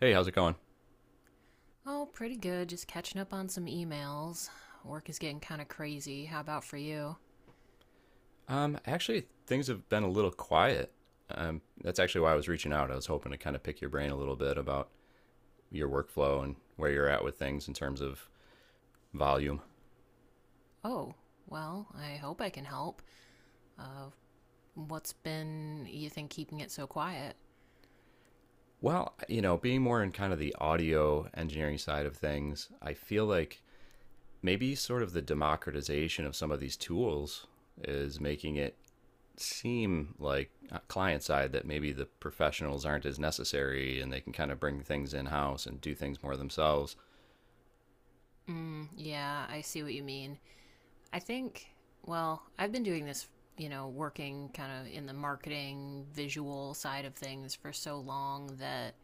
Hey, how's it going? Oh, pretty good. Just catching up on some emails. Work is getting kind of crazy. How about for you? Actually, things have been a little quiet. That's actually why I was reaching out. I was hoping to kind of pick your brain a little bit about your workflow and where you're at with things in terms of volume. Oh, well, I hope I can help. Uh, what's been, you think, keeping it so quiet? Well, you know, being more in kind of the audio engineering side of things, I feel like maybe sort of the democratization of some of these tools is making it seem like client side, that maybe the professionals aren't as necessary and they can kind of bring things in house and do things more themselves. Mm, yeah, I see what you mean. I think, well, I've been doing this, you know, working kind of in the marketing, visual side of things for so long that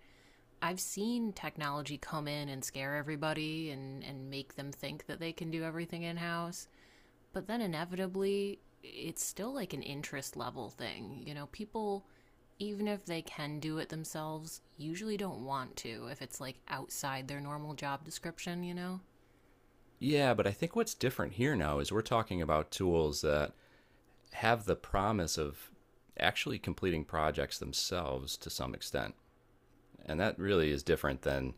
I've seen technology come in and scare everybody and, make them think that they can do everything in house. But then inevitably it's still like an interest level thing. You know, people even if they can do it themselves, usually don't want to if it's like outside their normal job description, you know? Yeah, but I think what's different here now is we're talking about tools that have the promise of actually completing projects themselves to some extent. And that really is different than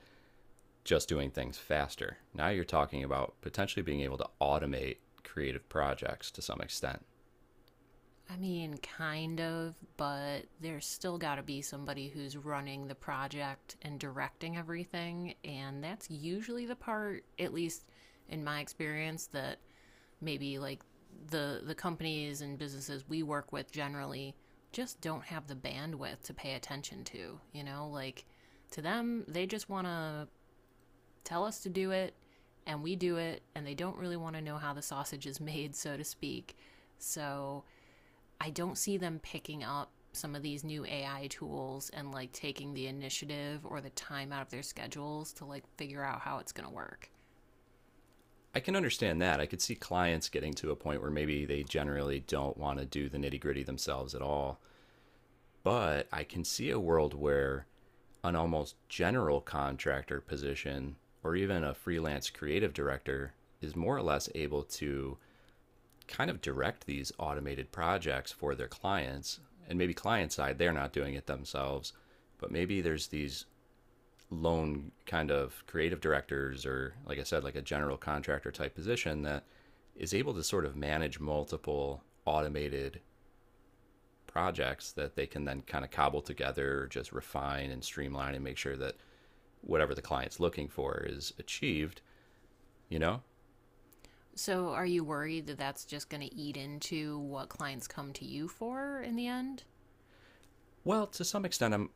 just doing things faster. Now you're talking about potentially being able to automate creative projects to some extent. I mean, kind of, but there's still got to be somebody who's running the project and directing everything, and that's usually the part, at least in my experience, that maybe like the companies and businesses we work with generally just don't have the bandwidth to pay attention to, you know? Like to them, they just want to tell us to do it and we do it and they don't really want to know how the sausage is made, so to speak. So, I don't see them picking up some of these new AI tools and like taking the initiative or the time out of their schedules to like figure out how it's going to work. I can understand that. I could see clients getting to a point where maybe they generally don't want to do the nitty gritty themselves at all. But I can see a world where an almost general contractor position or even a freelance creative director is more or less able to kind of direct these automated projects for their clients. And maybe client side, they're not doing it themselves, but maybe there's these lone kind of creative directors or, like I said, like a general contractor type position that is able to sort of manage multiple automated projects that they can then kind of cobble together, just refine and streamline and make sure that whatever the client's looking for is achieved, you know? So, are you worried that that's just going to eat into what clients come to you for in the end? Well, to some extent, I'm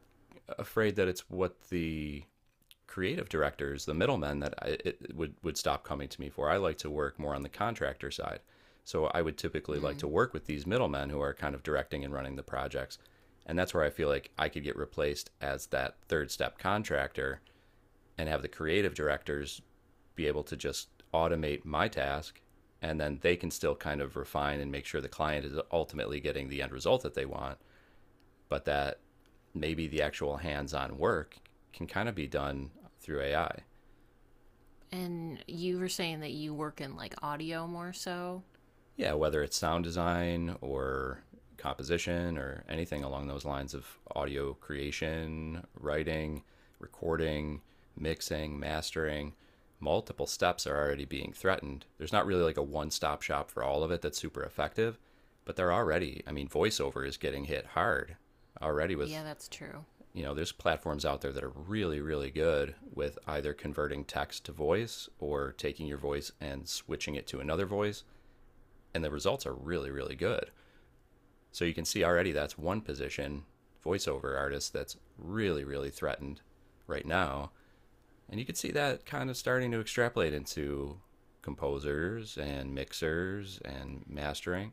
afraid that it's what the creative directors, the middlemen, that I, it would stop coming to me for. I like to work more on the contractor side. So I would typically like to Mm. work with these middlemen who are kind of directing and running the projects. And that's where I feel like I could get replaced as that third step contractor and have the creative directors be able to just automate my task, and then they can still kind of refine and make sure the client is ultimately getting the end result that they want, but that maybe the actual hands-on work can kind of be done through AI. And you were saying that you work in like audio more so. Yeah, whether it's sound design or composition or anything along those lines of audio creation, writing, recording, mixing, mastering, multiple steps are already being threatened. There's not really like a one stop shop for all of it that's super effective, but they're already, I mean, voiceover is getting hit hard already Yeah, with, that's true. you know, there's platforms out there that are really, really good with either converting text to voice or taking your voice and switching it to another voice, and the results are really, really good. So you can see already that's one position, voiceover artist, that's really, really threatened right now. And you can see that kind of starting to extrapolate into composers and mixers and mastering.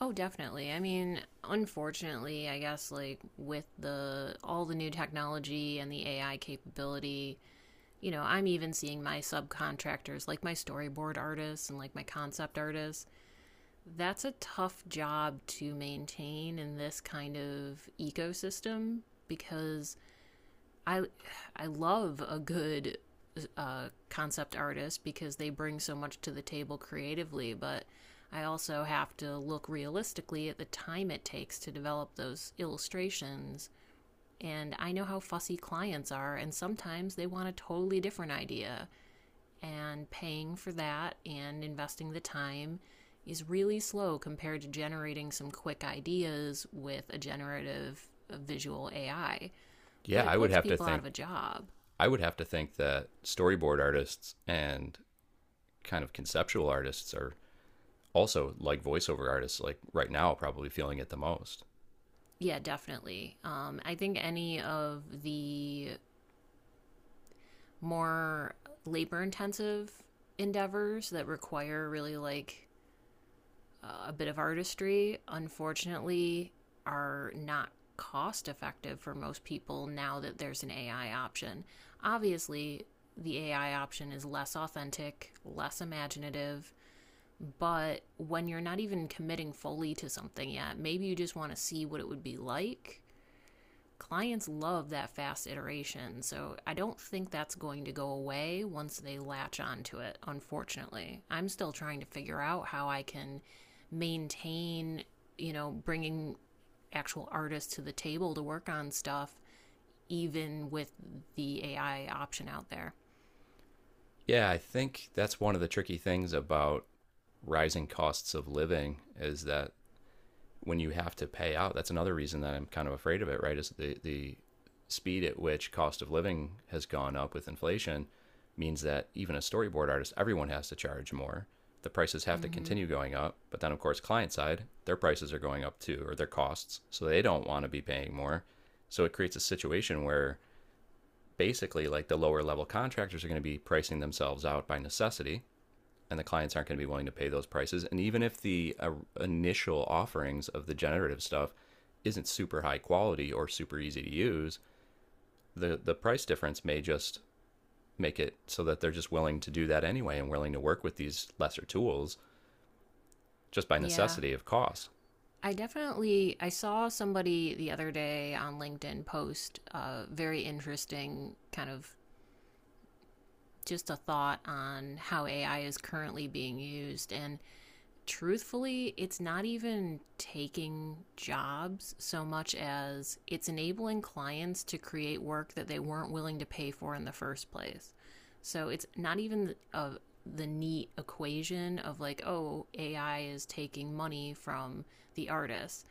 Oh, definitely. I mean, unfortunately, I guess like with the all the new technology and the AI capability, you know, I'm even seeing my subcontractors, like my storyboard artists and like my concept artists. That's a tough job to maintain in this kind of ecosystem because I I love a good concept artist because they bring so much to the table creatively, but I also have to look realistically at the time it takes to develop those illustrations. And I know how fussy clients are, and sometimes they want a totally different idea and paying for that and investing the time is really slow compared to generating some quick ideas with a generative visual AI, but Yeah, it puts people out of a job. I would have to think that storyboard artists and kind of conceptual artists are also, like voiceover artists, like right now probably feeling it the most. Yeah, definitely. I think any of the more labor intensive endeavors that require really like a bit of artistry, unfortunately, are not cost effective for most people now that there's an AI option. Obviously, the AI option is less authentic, less imaginative, but when you're not even committing fully to something yet, maybe you just want to see what it would be like. Clients love that fast iteration. So I don't think that's going to go away once they latch onto it, unfortunately. I'm still trying to figure out how I can maintain, you know, bringing actual artists to the table to work on stuff, even with the AI option out there. Yeah, I think that's one of the tricky things about rising costs of living is that when you have to pay out, that's another reason that I'm kind of afraid of it, right? Is the speed at which cost of living has gone up with inflation means that even a storyboard artist, everyone has to charge more. The prices have to Mm-hmm. continue going up, but then of course client side, their prices are going up too, or their costs, so they don't want to be paying more. So it creates a situation where basically like the lower level contractors are going to be pricing themselves out by necessity and the clients aren't going to be willing to pay those prices. And even if the initial offerings of the generative stuff isn't super high quality or super easy to use, the price difference may just make it so that they're just willing to do that anyway and willing to work with these lesser tools just by Yeah. necessity of cost. I saw somebody the other day on LinkedIn post a very interesting kind of just a thought on how AI is currently being used. And truthfully, it's not even taking jobs so much as it's enabling clients to create work that they weren't willing to pay for in the first place. So it's not even the neat equation of like, oh, AI is taking money from the artist.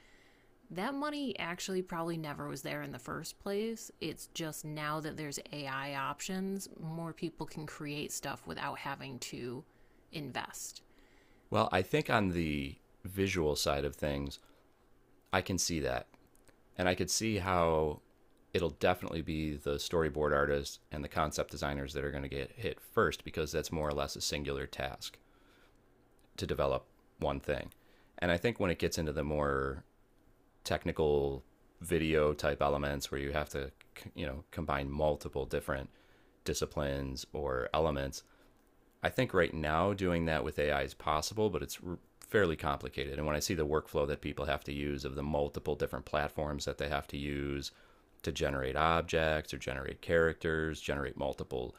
That money actually probably never was there in the first place. It's just now that there's AI options, more people can create stuff without having to invest. Well, I think on the visual side of things, I can see that. And I could see how it'll definitely be the storyboard artists and the concept designers that are going to get hit first because that's more or less a singular task to develop one thing. And I think when it gets into the more technical video type elements where you have to, you know, combine multiple different disciplines or elements, I think right now doing that with AI is possible, but fairly complicated. And when I see the workflow that people have to use, of the multiple different platforms that they have to use to generate objects or generate characters, generate multiple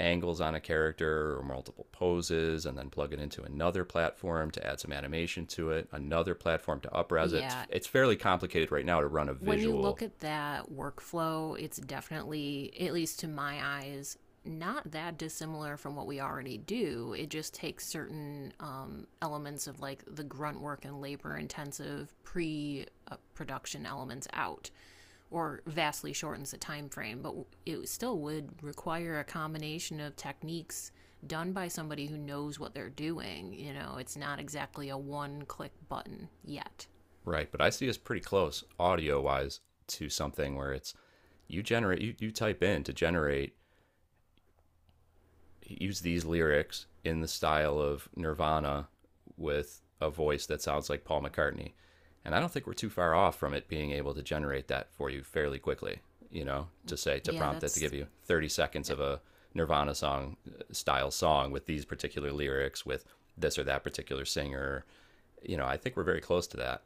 angles on a character or multiple poses, and then plug it into another platform to add some animation to it, another platform to upres it. It's, Yeah. it's fairly complicated right now to run a When you visual. look at that workflow, it's definitely, at least to my eyes, not that dissimilar from what we already do. It just takes certain elements of like the grunt work and labor intensive pre production elements out or vastly shortens the time frame, but it still would require a combination of techniques done by somebody who knows what they're doing. You know, it's not exactly a one click button yet. Right, but I see us pretty close audio wise to something where it's you generate, you, type in to generate, use these lyrics in the style of Nirvana with a voice that sounds like Paul McCartney. And I don't think we're too far off from it being able to generate that for you fairly quickly, you know, to say, to Yeah, prompt it to give that's. you 30 seconds of a Nirvana song style song with these particular lyrics, with this or that particular singer. You know, I think we're very close to that.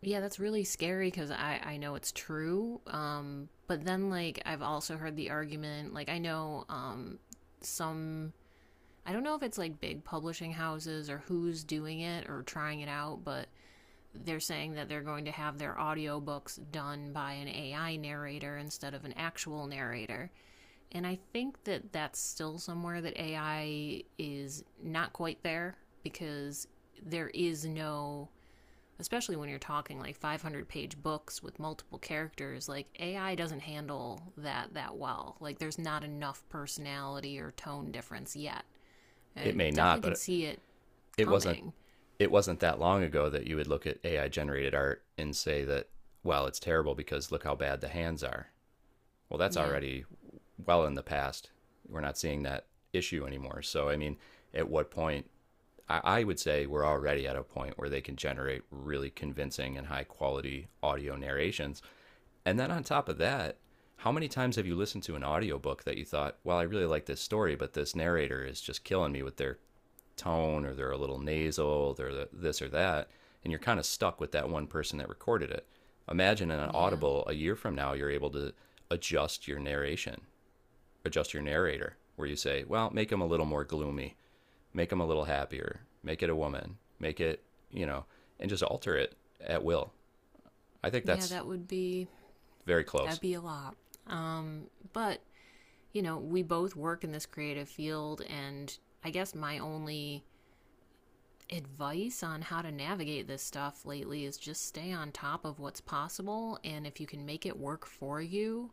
Yeah, that's really scary because I know it's true. But then, like, I've also heard the argument, like, I know some, I don't know if it's like big publishing houses or who's doing it or trying it out, but they're saying that they're going to have their audiobooks done by an AI narrator instead of an actual narrator. And I think that that's still somewhere that AI is not quite there because there is no, especially when you're talking like 500-page books with multiple characters, like AI doesn't handle that well. Like there's not enough personality or tone difference yet. It I may not, definitely can but see it it wasn't coming. it wasn't that long ago that you would look at AI generated art and say that, well, it's terrible because look how bad the hands are. Well, that's Yeah. already well in the past. We're not seeing that issue anymore. So, I mean, at what point? I would say we're already at a point where they can generate really convincing and high quality audio narrations. And then on top of that, how many times have you listened to an audiobook that you thought, well, I really like this story, but this narrator is just killing me with their tone, or they're a little nasal, they're this or that, and you're kind of stuck with that one person that recorded it. Imagine in an Yeah. audible a year from now, you're able to adjust your narration, adjust your narrator, where you say, well, make him a little more gloomy, make him a little happier, make it a woman, make it, you know, and just alter it at will. I think Yeah, that's that would be, very close. that'd be a lot. um but, you know, we both work in this creative field, and I guess my only advice on how to navigate this stuff lately is just stay on top of what's possible, and if you can make it work for you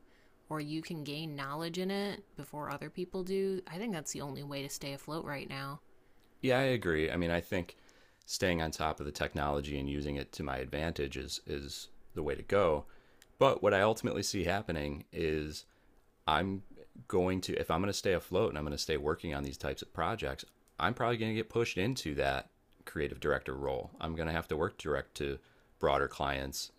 or you can gain knowledge in it before other people do, I think that's the only way to stay afloat right now. Yeah, I agree. I mean, I think staying on top of the technology and using it to my advantage is the way to go. But what I ultimately see happening is I'm going to, if I'm going to stay afloat and I'm going to stay working on these types of projects, I'm probably going to get pushed into that creative director role. I'm going to have to work direct to broader clients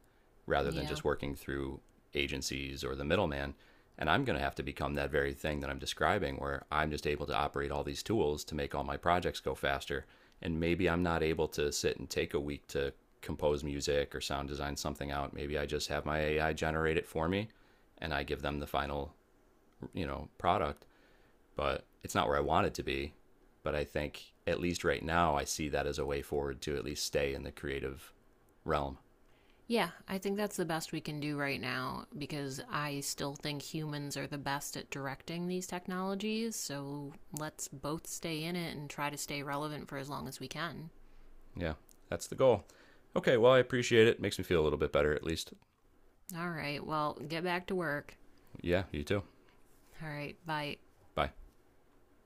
rather than Yeah. just working through agencies or the middleman. And I'm going to have to become that very thing that I'm describing, where I'm just able to operate all these tools to make all my projects go faster. And maybe I'm not able to sit and take a week to compose music or sound design something out. Maybe I just have my AI generate it for me and I give them the final, you know, product, but it's not where I want it to be. But I think at least right now, I see that as a way forward to at least stay in the creative realm. Yeah, I think that's the best we can do right now because I still think humans are the best at directing these technologies, so let's both stay in it and try to stay relevant for as long as we can. Yeah, that's the goal. Okay, well, I appreciate it. Makes me feel a little bit better at least. All right, well, get back to work. Yeah, you too. All right, bye. Bye.